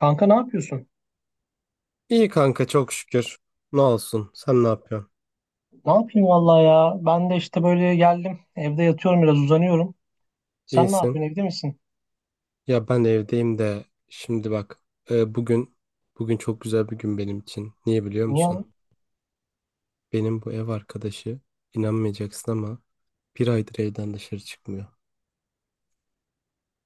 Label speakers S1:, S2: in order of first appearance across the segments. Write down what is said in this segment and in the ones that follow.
S1: Kanka, ne yapıyorsun?
S2: İyi kanka çok şükür. Ne olsun? Sen ne yapıyorsun?
S1: Ne yapayım vallahi ya. Ben de işte böyle geldim. Evde yatıyorum, biraz uzanıyorum. Sen ne
S2: İyisin.
S1: yapıyorsun? Evde misin?
S2: Ya ben evdeyim de şimdi bak, e, bugün bugün çok güzel bir gün benim için. Niye biliyor
S1: Niye
S2: musun?
S1: lan?
S2: Benim bu ev arkadaşı, inanmayacaksın ama, bir aydır evden dışarı çıkmıyor.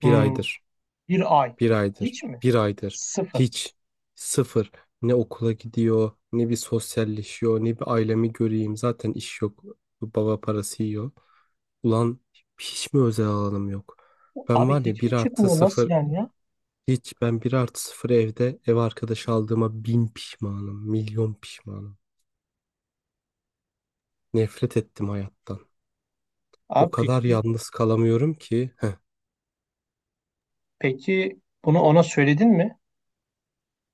S2: Bir
S1: Hmm.
S2: aydır.
S1: Bir ay.
S2: Bir
S1: Hiç
S2: aydır,
S1: mi?
S2: bir aydır
S1: Sıfır.
S2: hiç, sıfır, ne okula gidiyor ne bir sosyalleşiyor ne bir ailemi göreyim, zaten iş yok, baba parası yiyor. Ulan hiç mi özel alanım yok? Ben
S1: Abi
S2: var ya
S1: hiç
S2: bir
S1: mi
S2: artı
S1: çıkmıyor? Nasıl
S2: sıfır,
S1: yani ya?
S2: hiç, ben bir artı sıfır evde ev arkadaşı aldığıma bin pişmanım, milyon pişmanım. Nefret ettim hayattan. O
S1: Abi
S2: kadar yalnız kalamıyorum ki. Heh.
S1: peki bunu ona söyledin mi?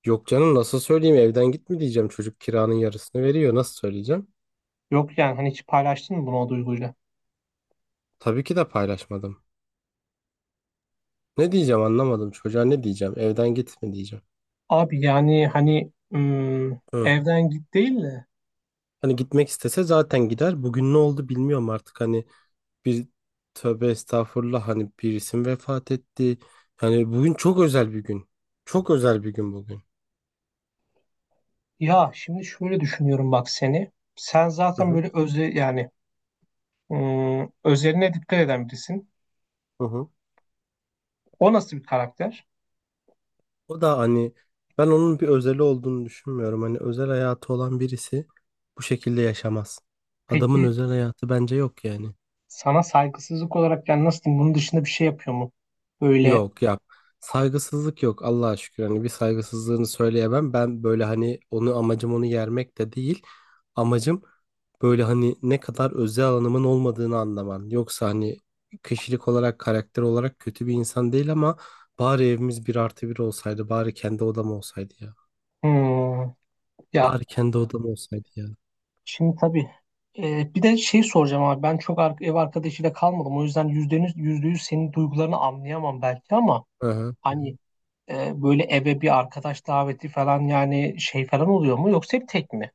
S2: Yok canım, nasıl söyleyeyim? Evden gitme diyeceğim, çocuk kiranın yarısını veriyor, nasıl söyleyeceğim?
S1: Yok, yani hani hiç paylaştın mı bunu o duyguyla?
S2: Tabii ki de paylaşmadım. Ne diyeceğim anlamadım, çocuğa ne diyeceğim, evden gitme diyeceğim.
S1: Abi, yani hani
S2: Hı.
S1: evden git değil de,
S2: Hani gitmek istese zaten gider, bugün ne oldu bilmiyorum artık, hani bir, tövbe estağfurullah, hani birisi isim vefat etti. Yani bugün çok özel bir gün, çok özel bir gün bugün.
S1: ya şimdi şöyle düşünüyorum bak seni. Sen
S2: Hı
S1: zaten
S2: hı.
S1: böyle özel, yani özeline dikkat eden birisin.
S2: Hı hı.
S1: O nasıl bir karakter?
S2: O da hani, ben onun bir özeli olduğunu düşünmüyorum. Hani özel hayatı olan birisi bu şekilde yaşamaz. Adamın
S1: Peki,
S2: özel hayatı bence yok yani.
S1: sana saygısızlık olarak yani nasıl diyeyim bunun dışında bir şey yapıyor mu? Böyle
S2: Yok ya, saygısızlık yok, Allah'a şükür, hani bir saygısızlığını söyleyemem ben, böyle hani onu, amacım onu yermek de değil, amacım böyle hani ne kadar özel alanımın olmadığını anlaman, yoksa hani kişilik olarak, karakter olarak kötü bir insan değil, ama bari evimiz bir artı bir olsaydı, bari kendi odam olsaydı ya,
S1: hmm, ya
S2: bari kendi odam olsaydı ya.
S1: şimdi tabii, bir de şey soracağım abi, ben çok ev arkadaşıyla kalmadım, o yüzden yüzde yüz, yüzde yüz senin duygularını anlayamam belki ama
S2: Hı hı.
S1: hani, böyle eve bir arkadaş daveti falan, yani şey falan oluyor mu, yoksa hep tek mi?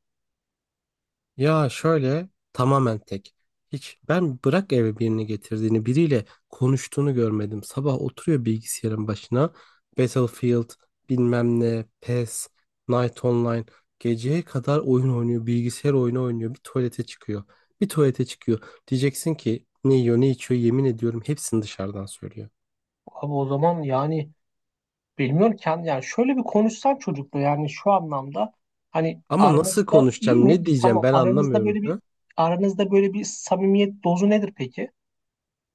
S2: Ya şöyle, tamamen tek. Hiç ben bırak eve birini getirdiğini, biriyle konuştuğunu görmedim. Sabah oturuyor bilgisayarın başına. Battlefield, bilmem ne, PES, Night Online, geceye kadar oyun oynuyor, bilgisayar oyunu oynuyor, bir tuvalete çıkıyor. Bir tuvalete çıkıyor. Diyeceksin ki ne yiyor ne içiyor, yemin ediyorum hepsini dışarıdan söylüyor.
S1: Abi o zaman yani bilmiyorken, yani şöyle bir konuşsan çocukla, yani şu anlamda, hani
S2: Ama nasıl
S1: aranızda iyi
S2: konuşacağım,
S1: mi?
S2: ne diyeceğim,
S1: Tamam,
S2: ben anlamıyorum.
S1: aranızda böyle bir samimiyet dozu nedir peki?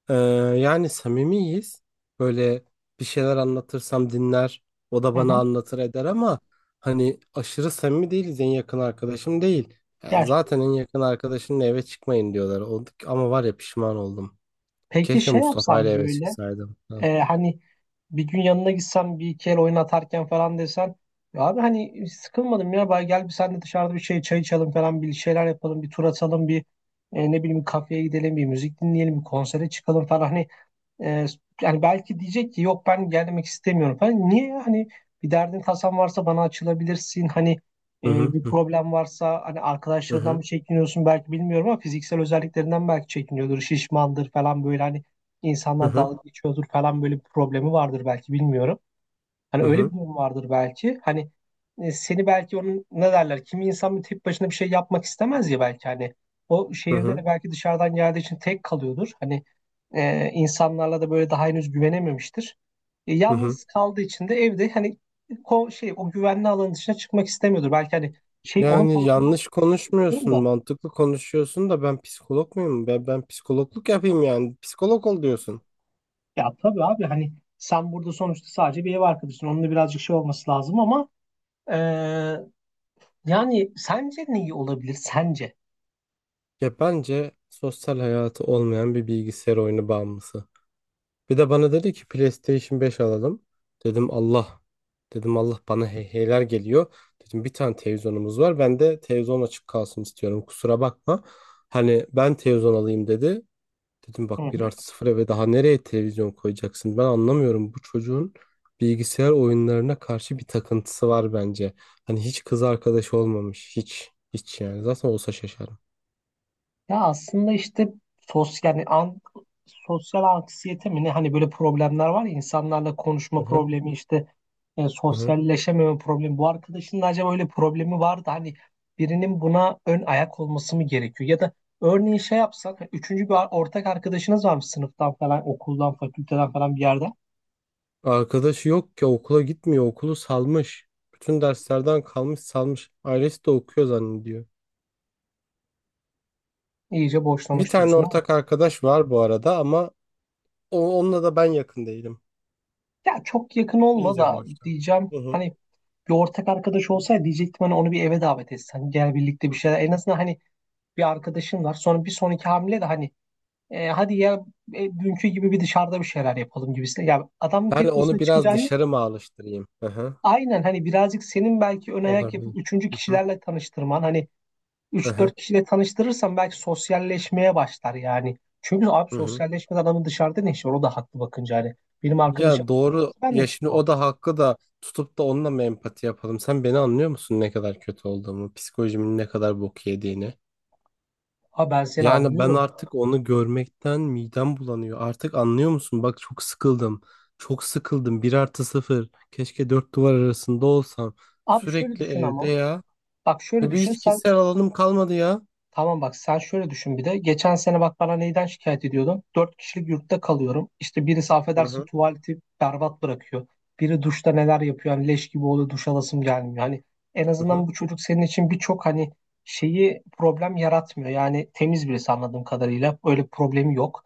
S2: Ee, Yani samimiyiz. Böyle bir şeyler anlatırsam dinler, o da
S1: Hı
S2: bana
S1: hı.
S2: anlatır eder, ama hani aşırı samimi değiliz, en yakın arkadaşım değil.
S1: Ya
S2: Yani zaten en yakın arkadaşınla eve çıkmayın diyorlar. O, ama var ya, pişman oldum.
S1: peki
S2: Keşke
S1: şey
S2: Mustafa ile
S1: yapsan
S2: eve
S1: böyle,
S2: çıksaydım. Ha.
S1: hani bir gün yanına gitsem bir iki el oyun atarken falan, desen ya abi hani sıkılmadım ya, bay gel, bir sen de dışarıda bir şey çay içelim falan, bir şeyler yapalım, bir tur atalım, bir ne bileyim bir kafeye gidelim, bir müzik dinleyelim, bir konsere çıkalım falan, hani Ee, yani belki diyecek ki yok ben gelmek istemiyorum falan. Niye ya? Hani bir derdin tasan varsa bana açılabilirsin. Hani
S2: Hı hı
S1: bir
S2: hı
S1: problem varsa, hani arkadaşlarından
S2: hı
S1: mı çekiniyorsun belki, bilmiyorum, ama fiziksel özelliklerinden belki çekiniyordur. Şişmandır falan böyle, hani
S2: hı
S1: insanlar
S2: hı
S1: dalga geçiyordur falan, böyle bir problemi vardır belki, bilmiyorum. Hani
S2: hı
S1: öyle bir
S2: hı
S1: durum vardır belki. Hani seni belki onun, ne derler, kimi insan bir tek başına bir şey yapmak istemez ya, belki hani o
S2: hı
S1: şehirde
S2: hı.
S1: de belki dışarıdan geldiği için tek kalıyordur. Hani insanlarla da böyle daha henüz güvenememiştir.
S2: Hı.
S1: Yalnız kaldığı için de evde, hani şey o güvenli alanın dışına çıkmak istemiyordur. Belki hani şey onun
S2: Yani
S1: tarafından
S2: yanlış
S1: bakıyorum
S2: konuşmuyorsun,
S1: da,
S2: mantıklı konuşuyorsun da, ben psikolog muyum? Ben psikologluk yapayım yani. Psikolog ol diyorsun.
S1: ya tabii abi, hani sen burada sonuçta sadece bir ev arkadaşın. Onunla birazcık şey olması lazım ama, e, yani sence ne iyi olabilir? Sence?
S2: Ya bence sosyal hayatı olmayan bir bilgisayar oyunu bağımlısı. Bir de bana dedi ki PlayStation 5 alalım. Dedim Allah. Dedim Allah, bana heyheyler geliyor. Dedim bir tane televizyonumuz var. Ben de televizyon açık kalsın istiyorum. Kusura bakma. Hani ben televizyon alayım dedi. Dedim
S1: Hı
S2: bak, bir
S1: hı.
S2: artı 0, ve daha nereye televizyon koyacaksın? Ben anlamıyorum. Bu çocuğun bilgisayar oyunlarına karşı bir takıntısı var bence. Hani hiç kız arkadaşı olmamış. Hiç. Hiç yani. Zaten olsa şaşarım.
S1: Ya aslında işte, sosyal yani sosyal anksiyete mi ne, hani böyle problemler var ya, insanlarla konuşma
S2: Hı hı.
S1: problemi, işte
S2: Hı hı.
S1: sosyalleşememe problemi. Bu arkadaşın da acaba öyle problemi var da, hani birinin buna ön ayak olması mı gerekiyor? Ya da örneğin şey yapsak, hani üçüncü bir ortak arkadaşınız varmış sınıftan falan, okuldan, fakülteden falan bir yerden,
S2: Arkadaşı yok ki, okula gitmiyor. Okulu salmış. Bütün derslerden kalmış, salmış. Ailesi de okuyor zannediyor.
S1: iyice
S2: Bir
S1: boşlamış
S2: tane
S1: diyorsun, ama
S2: ortak arkadaş var bu arada, ama onunla da ben yakın değilim.
S1: ya çok yakın olma
S2: İyice
S1: da
S2: boştan.
S1: diyeceğim,
S2: Hı hı.
S1: hani bir ortak arkadaş olsaydı diyecektim, hani onu bir eve davet etsen, gel birlikte bir şeyler en azından, hani bir arkadaşın var. Sonra bir sonraki hamle de hani hadi ya, dünkü gibi bir dışarıda bir şeyler yapalım gibisine. Ya adamın
S2: Ben
S1: tek
S2: onu
S1: başına
S2: biraz
S1: çıkacağı yok.
S2: dışarı mı alıştırayım? Hı hı.
S1: Aynen, hani birazcık senin belki ön ayak yapıp
S2: Olabilir.
S1: üçüncü
S2: Hı hı.
S1: kişilerle tanıştırman. Hani
S2: Hı
S1: üç
S2: hı.
S1: dört kişiyle tanıştırırsan belki sosyalleşmeye başlar yani. Çünkü abi
S2: Hı hı.
S1: sosyalleşmeden adamın dışarıda ne işi var? O da haklı bakınca hani. Benim arkadaşım
S2: Ya doğru.
S1: ben de
S2: Ya şimdi
S1: çıkmam.
S2: o da hakkı da tutup da onunla mı empati yapalım? Sen beni anlıyor musun, ne kadar kötü olduğumu, psikolojimin ne kadar bok yediğini?
S1: Abi ben seni
S2: Yani ben
S1: anlıyorum.
S2: artık onu görmekten midem bulanıyor. Artık anlıyor musun? Bak çok sıkıldım. Çok sıkıldım. Bir artı sıfır. Keşke dört duvar arasında olsam.
S1: Abi şöyle
S2: Sürekli
S1: düşün
S2: evde
S1: ama.
S2: ya.
S1: Bak şöyle
S2: Ya bir,
S1: düşün
S2: hiç
S1: sen.
S2: kişisel alanım kalmadı ya.
S1: Tamam, bak sen şöyle düşün bir de. Geçen sene bak bana neyden şikayet ediyordun? Dört kişilik yurtta kalıyorum. İşte birisi
S2: Hı
S1: affedersin
S2: hı.
S1: tuvaleti berbat bırakıyor. Biri duşta neler yapıyor. Hani leş gibi oluyor, duş alasım gelmiyor. Hani en
S2: Hı hı.
S1: azından bu çocuk senin için birçok hani şeyi problem yaratmıyor. Yani temiz birisi anladığım kadarıyla. Öyle problemi yok.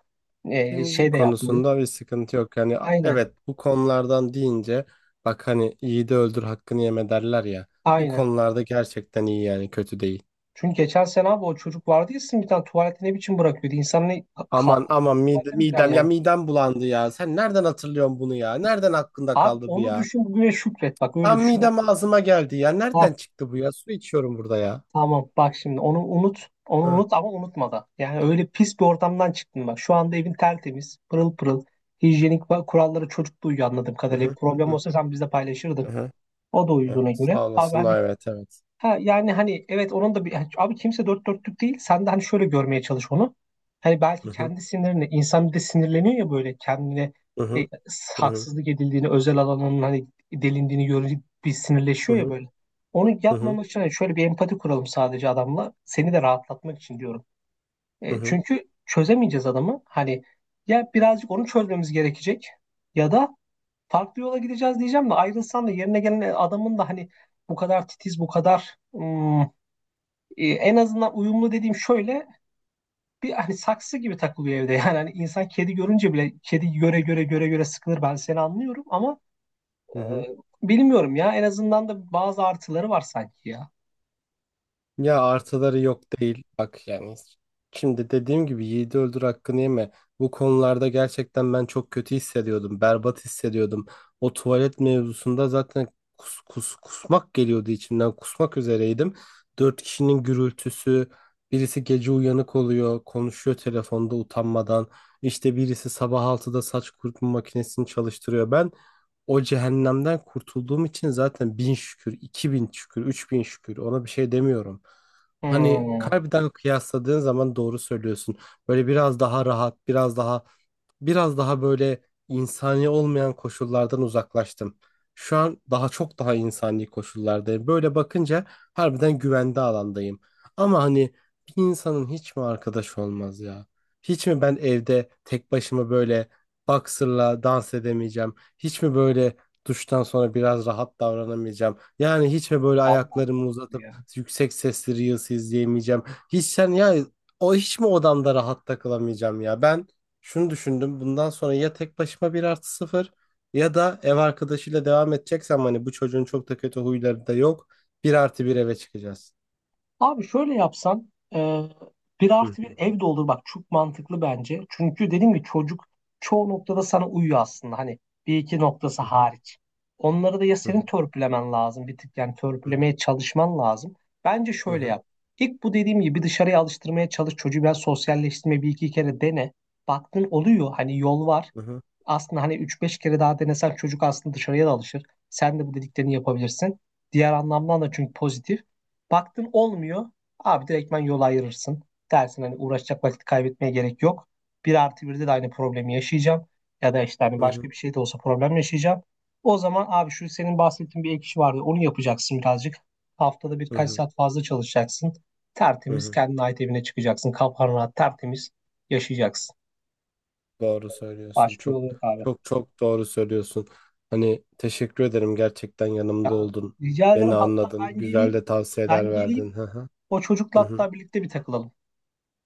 S1: Ee,
S2: Temizlik
S1: şey de yapmıyor.
S2: konusunda bir sıkıntı yok. Yani,
S1: Aynen.
S2: evet, bu konulardan deyince, bak hani iyi de öldür hakkını yeme derler ya. Bu
S1: Aynen.
S2: konularda gerçekten iyi yani, kötü değil.
S1: Çünkü geçen sene abi, o çocuk vardı ya, sizin bir tane tuvaleti ne biçim bırakıyordu? İnsanın kaldı
S2: Aman aman, midem,
S1: tuvalete mi girer
S2: midem ya,
S1: yani?
S2: midem bulandı ya. Sen nereden hatırlıyorsun bunu ya? Nereden hakkında
S1: Abi
S2: kaldı bu
S1: onu
S2: ya?
S1: düşün, bugüne şükret. Bak öyle
S2: Tam
S1: düşün.
S2: midem ağzıma geldi ya.
S1: Hah,
S2: Nereden çıktı bu ya? Su içiyorum burada ya.
S1: tamam, bak şimdi onu unut. Onu
S2: Hı
S1: unut ama unutma da. Yani öyle pis bir ortamdan çıktın bak. Şu anda evin tertemiz, pırıl pırıl. Hijyenik kurallara çocuk da uyuyor anladığım
S2: hı
S1: kadarıyla. Bir
S2: hı
S1: problem
S2: hı.
S1: olsa sen bizle
S2: Hı
S1: paylaşırdın.
S2: hı.
S1: O da
S2: Evet.
S1: uyuduğuna göre.
S2: Sağ
S1: Abi
S2: olasın.
S1: hani,
S2: Evet, evet.
S1: ha yani hani evet, onun da bir yani abi kimse dört dörtlük değil. Sen de hani şöyle görmeye çalış onu. Hani belki
S2: Hı hı
S1: kendi sinirine insan bir de sinirleniyor ya, böyle kendine
S2: hı hı
S1: e,
S2: hı
S1: haksızlık edildiğini, özel alanının hani delindiğini görünce bir sinirleşiyor ya
S2: hı
S1: böyle. Onu
S2: hı
S1: yapmamak için, hani şöyle bir empati kuralım sadece adamla. Seni de rahatlatmak için diyorum.
S2: hı hı.
S1: Çünkü çözemeyeceğiz adamı. Hani ya birazcık onu çözmemiz gerekecek, ya da farklı yola gideceğiz diyeceğim de, ayrılsan da yerine gelen adamın da hani bu kadar titiz, bu kadar en azından uyumlu dediğim şöyle bir, hani saksı gibi takılıyor evde. Yani hani, insan kedi görünce bile kedi göre göre göre göre sıkılır, ben seni anlıyorum, ama e,
S2: Hı.
S1: bilmiyorum ya, en azından da bazı artıları var sanki ya.
S2: Ya artıları yok değil. Bak yani, şimdi dediğim gibi yiğidi öldür hakkını yeme. Bu konularda gerçekten ben çok kötü hissediyordum. Berbat hissediyordum. O tuvalet mevzusunda zaten kusmak geliyordu içimden. Kusmak üzereydim. Dört kişinin gürültüsü. Birisi gece uyanık oluyor. Konuşuyor telefonda utanmadan. İşte birisi sabah 6'da saç kurutma makinesini çalıştırıyor. Ben o cehennemden kurtulduğum için zaten bin şükür, iki bin şükür, üç bin şükür, ona bir şey demiyorum. Hani
S1: Hmm.
S2: kalbiden kıyasladığın zaman doğru söylüyorsun. Böyle biraz daha rahat, biraz daha biraz daha böyle, insani olmayan koşullardan uzaklaştım. Şu an daha çok, daha insani koşullardayım. Böyle bakınca harbiden güvende alandayım. Ama hani bir insanın hiç mi arkadaş olmaz ya? Hiç mi ben evde tek başıma böyle boxer'la dans edemeyeceğim? Hiç mi böyle duştan sonra biraz rahat davranamayacağım? Yani hiç mi böyle
S1: Tamam.
S2: ayaklarımı uzatıp
S1: Ya.
S2: yüksek sesli Reels izleyemeyeceğim? Hiç sen ya, o hiç mi odamda rahat takılamayacağım ya? Ben şunu düşündüm. Bundan sonra ya tek başıma bir artı sıfır, ya da ev arkadaşıyla devam edeceksem, hani bu çocuğun çok da kötü huyları da yok, bir artı bir eve çıkacağız.
S1: Abi şöyle yapsan, bir
S2: Hı
S1: artı bir ev de olur bak, çok mantıklı bence. Çünkü dediğim gibi çocuk çoğu noktada sana uyuyor aslında, hani bir iki noktası
S2: hı hı
S1: hariç. Onları da ya
S2: hı
S1: senin törpülemen lazım bir tık, yani
S2: hı
S1: törpülemeye çalışman lazım. Bence
S2: hı
S1: şöyle
S2: hı
S1: yap. İlk bu dediğim gibi, dışarıya alıştırmaya çalış çocuğu, biraz sosyalleştirme, bir iki kere dene. Baktın oluyor, hani yol var
S2: hı
S1: aslında, hani üç beş kere daha denesen, çocuk aslında dışarıya da alışır. Sen de bu dediklerini yapabilirsin. Diğer anlamdan da çünkü pozitif. Baktın olmuyor. Abi direktmen yol ayırırsın. Dersin hani uğraşacak vakit kaybetmeye gerek yok. Bir artı birde de aynı problemi yaşayacağım. Ya da işte hani
S2: hı
S1: başka bir şey de olsa problem yaşayacağım. O zaman abi, şu senin bahsettiğin bir ek iş vardı. Onu yapacaksın birazcık. Haftada birkaç
S2: hı
S1: saat fazla çalışacaksın.
S2: hı
S1: Tertemiz
S2: hı.
S1: kendine ait evine çıkacaksın. Kafan rahat, tertemiz yaşayacaksın.
S2: Doğru söylüyorsun.
S1: Başka
S2: Çok
S1: yolu yok abi.
S2: çok çok doğru söylüyorsun. Hani teşekkür ederim, gerçekten yanımda oldun.
S1: Rica ederim,
S2: Beni
S1: hatta
S2: anladın.
S1: ben
S2: Güzel
S1: geleyim.
S2: de
S1: Ben
S2: tavsiyeler
S1: geleyim.
S2: verdin. Hı hı.
S1: O çocukla
S2: Hı hı.
S1: hatta birlikte bir takılalım.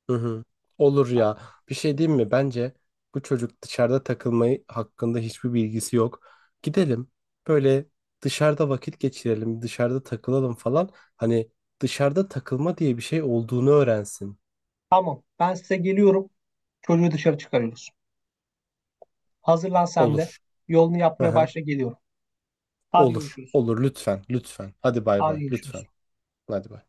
S2: Hı hı. Olur
S1: Ben-
S2: ya. Bir şey diyeyim mi? Bence bu çocuk dışarıda takılmayı hakkında hiçbir bilgisi yok. Gidelim. Böyle dışarıda vakit geçirelim. Dışarıda takılalım falan. Hani dışarıda takılma diye bir şey olduğunu öğrensin.
S1: Tamam. Ben size geliyorum. Çocuğu dışarı çıkarıyoruz. Hazırlan sen de.
S2: Olur.
S1: Yolunu
S2: Hı
S1: yapmaya
S2: hı.
S1: başla, geliyorum. Hadi
S2: Olur.
S1: görüşürüz.
S2: Olur lütfen. Lütfen. Hadi bay
S1: Hadi
S2: bay.
S1: görüşürüz.
S2: Lütfen. Hadi bay.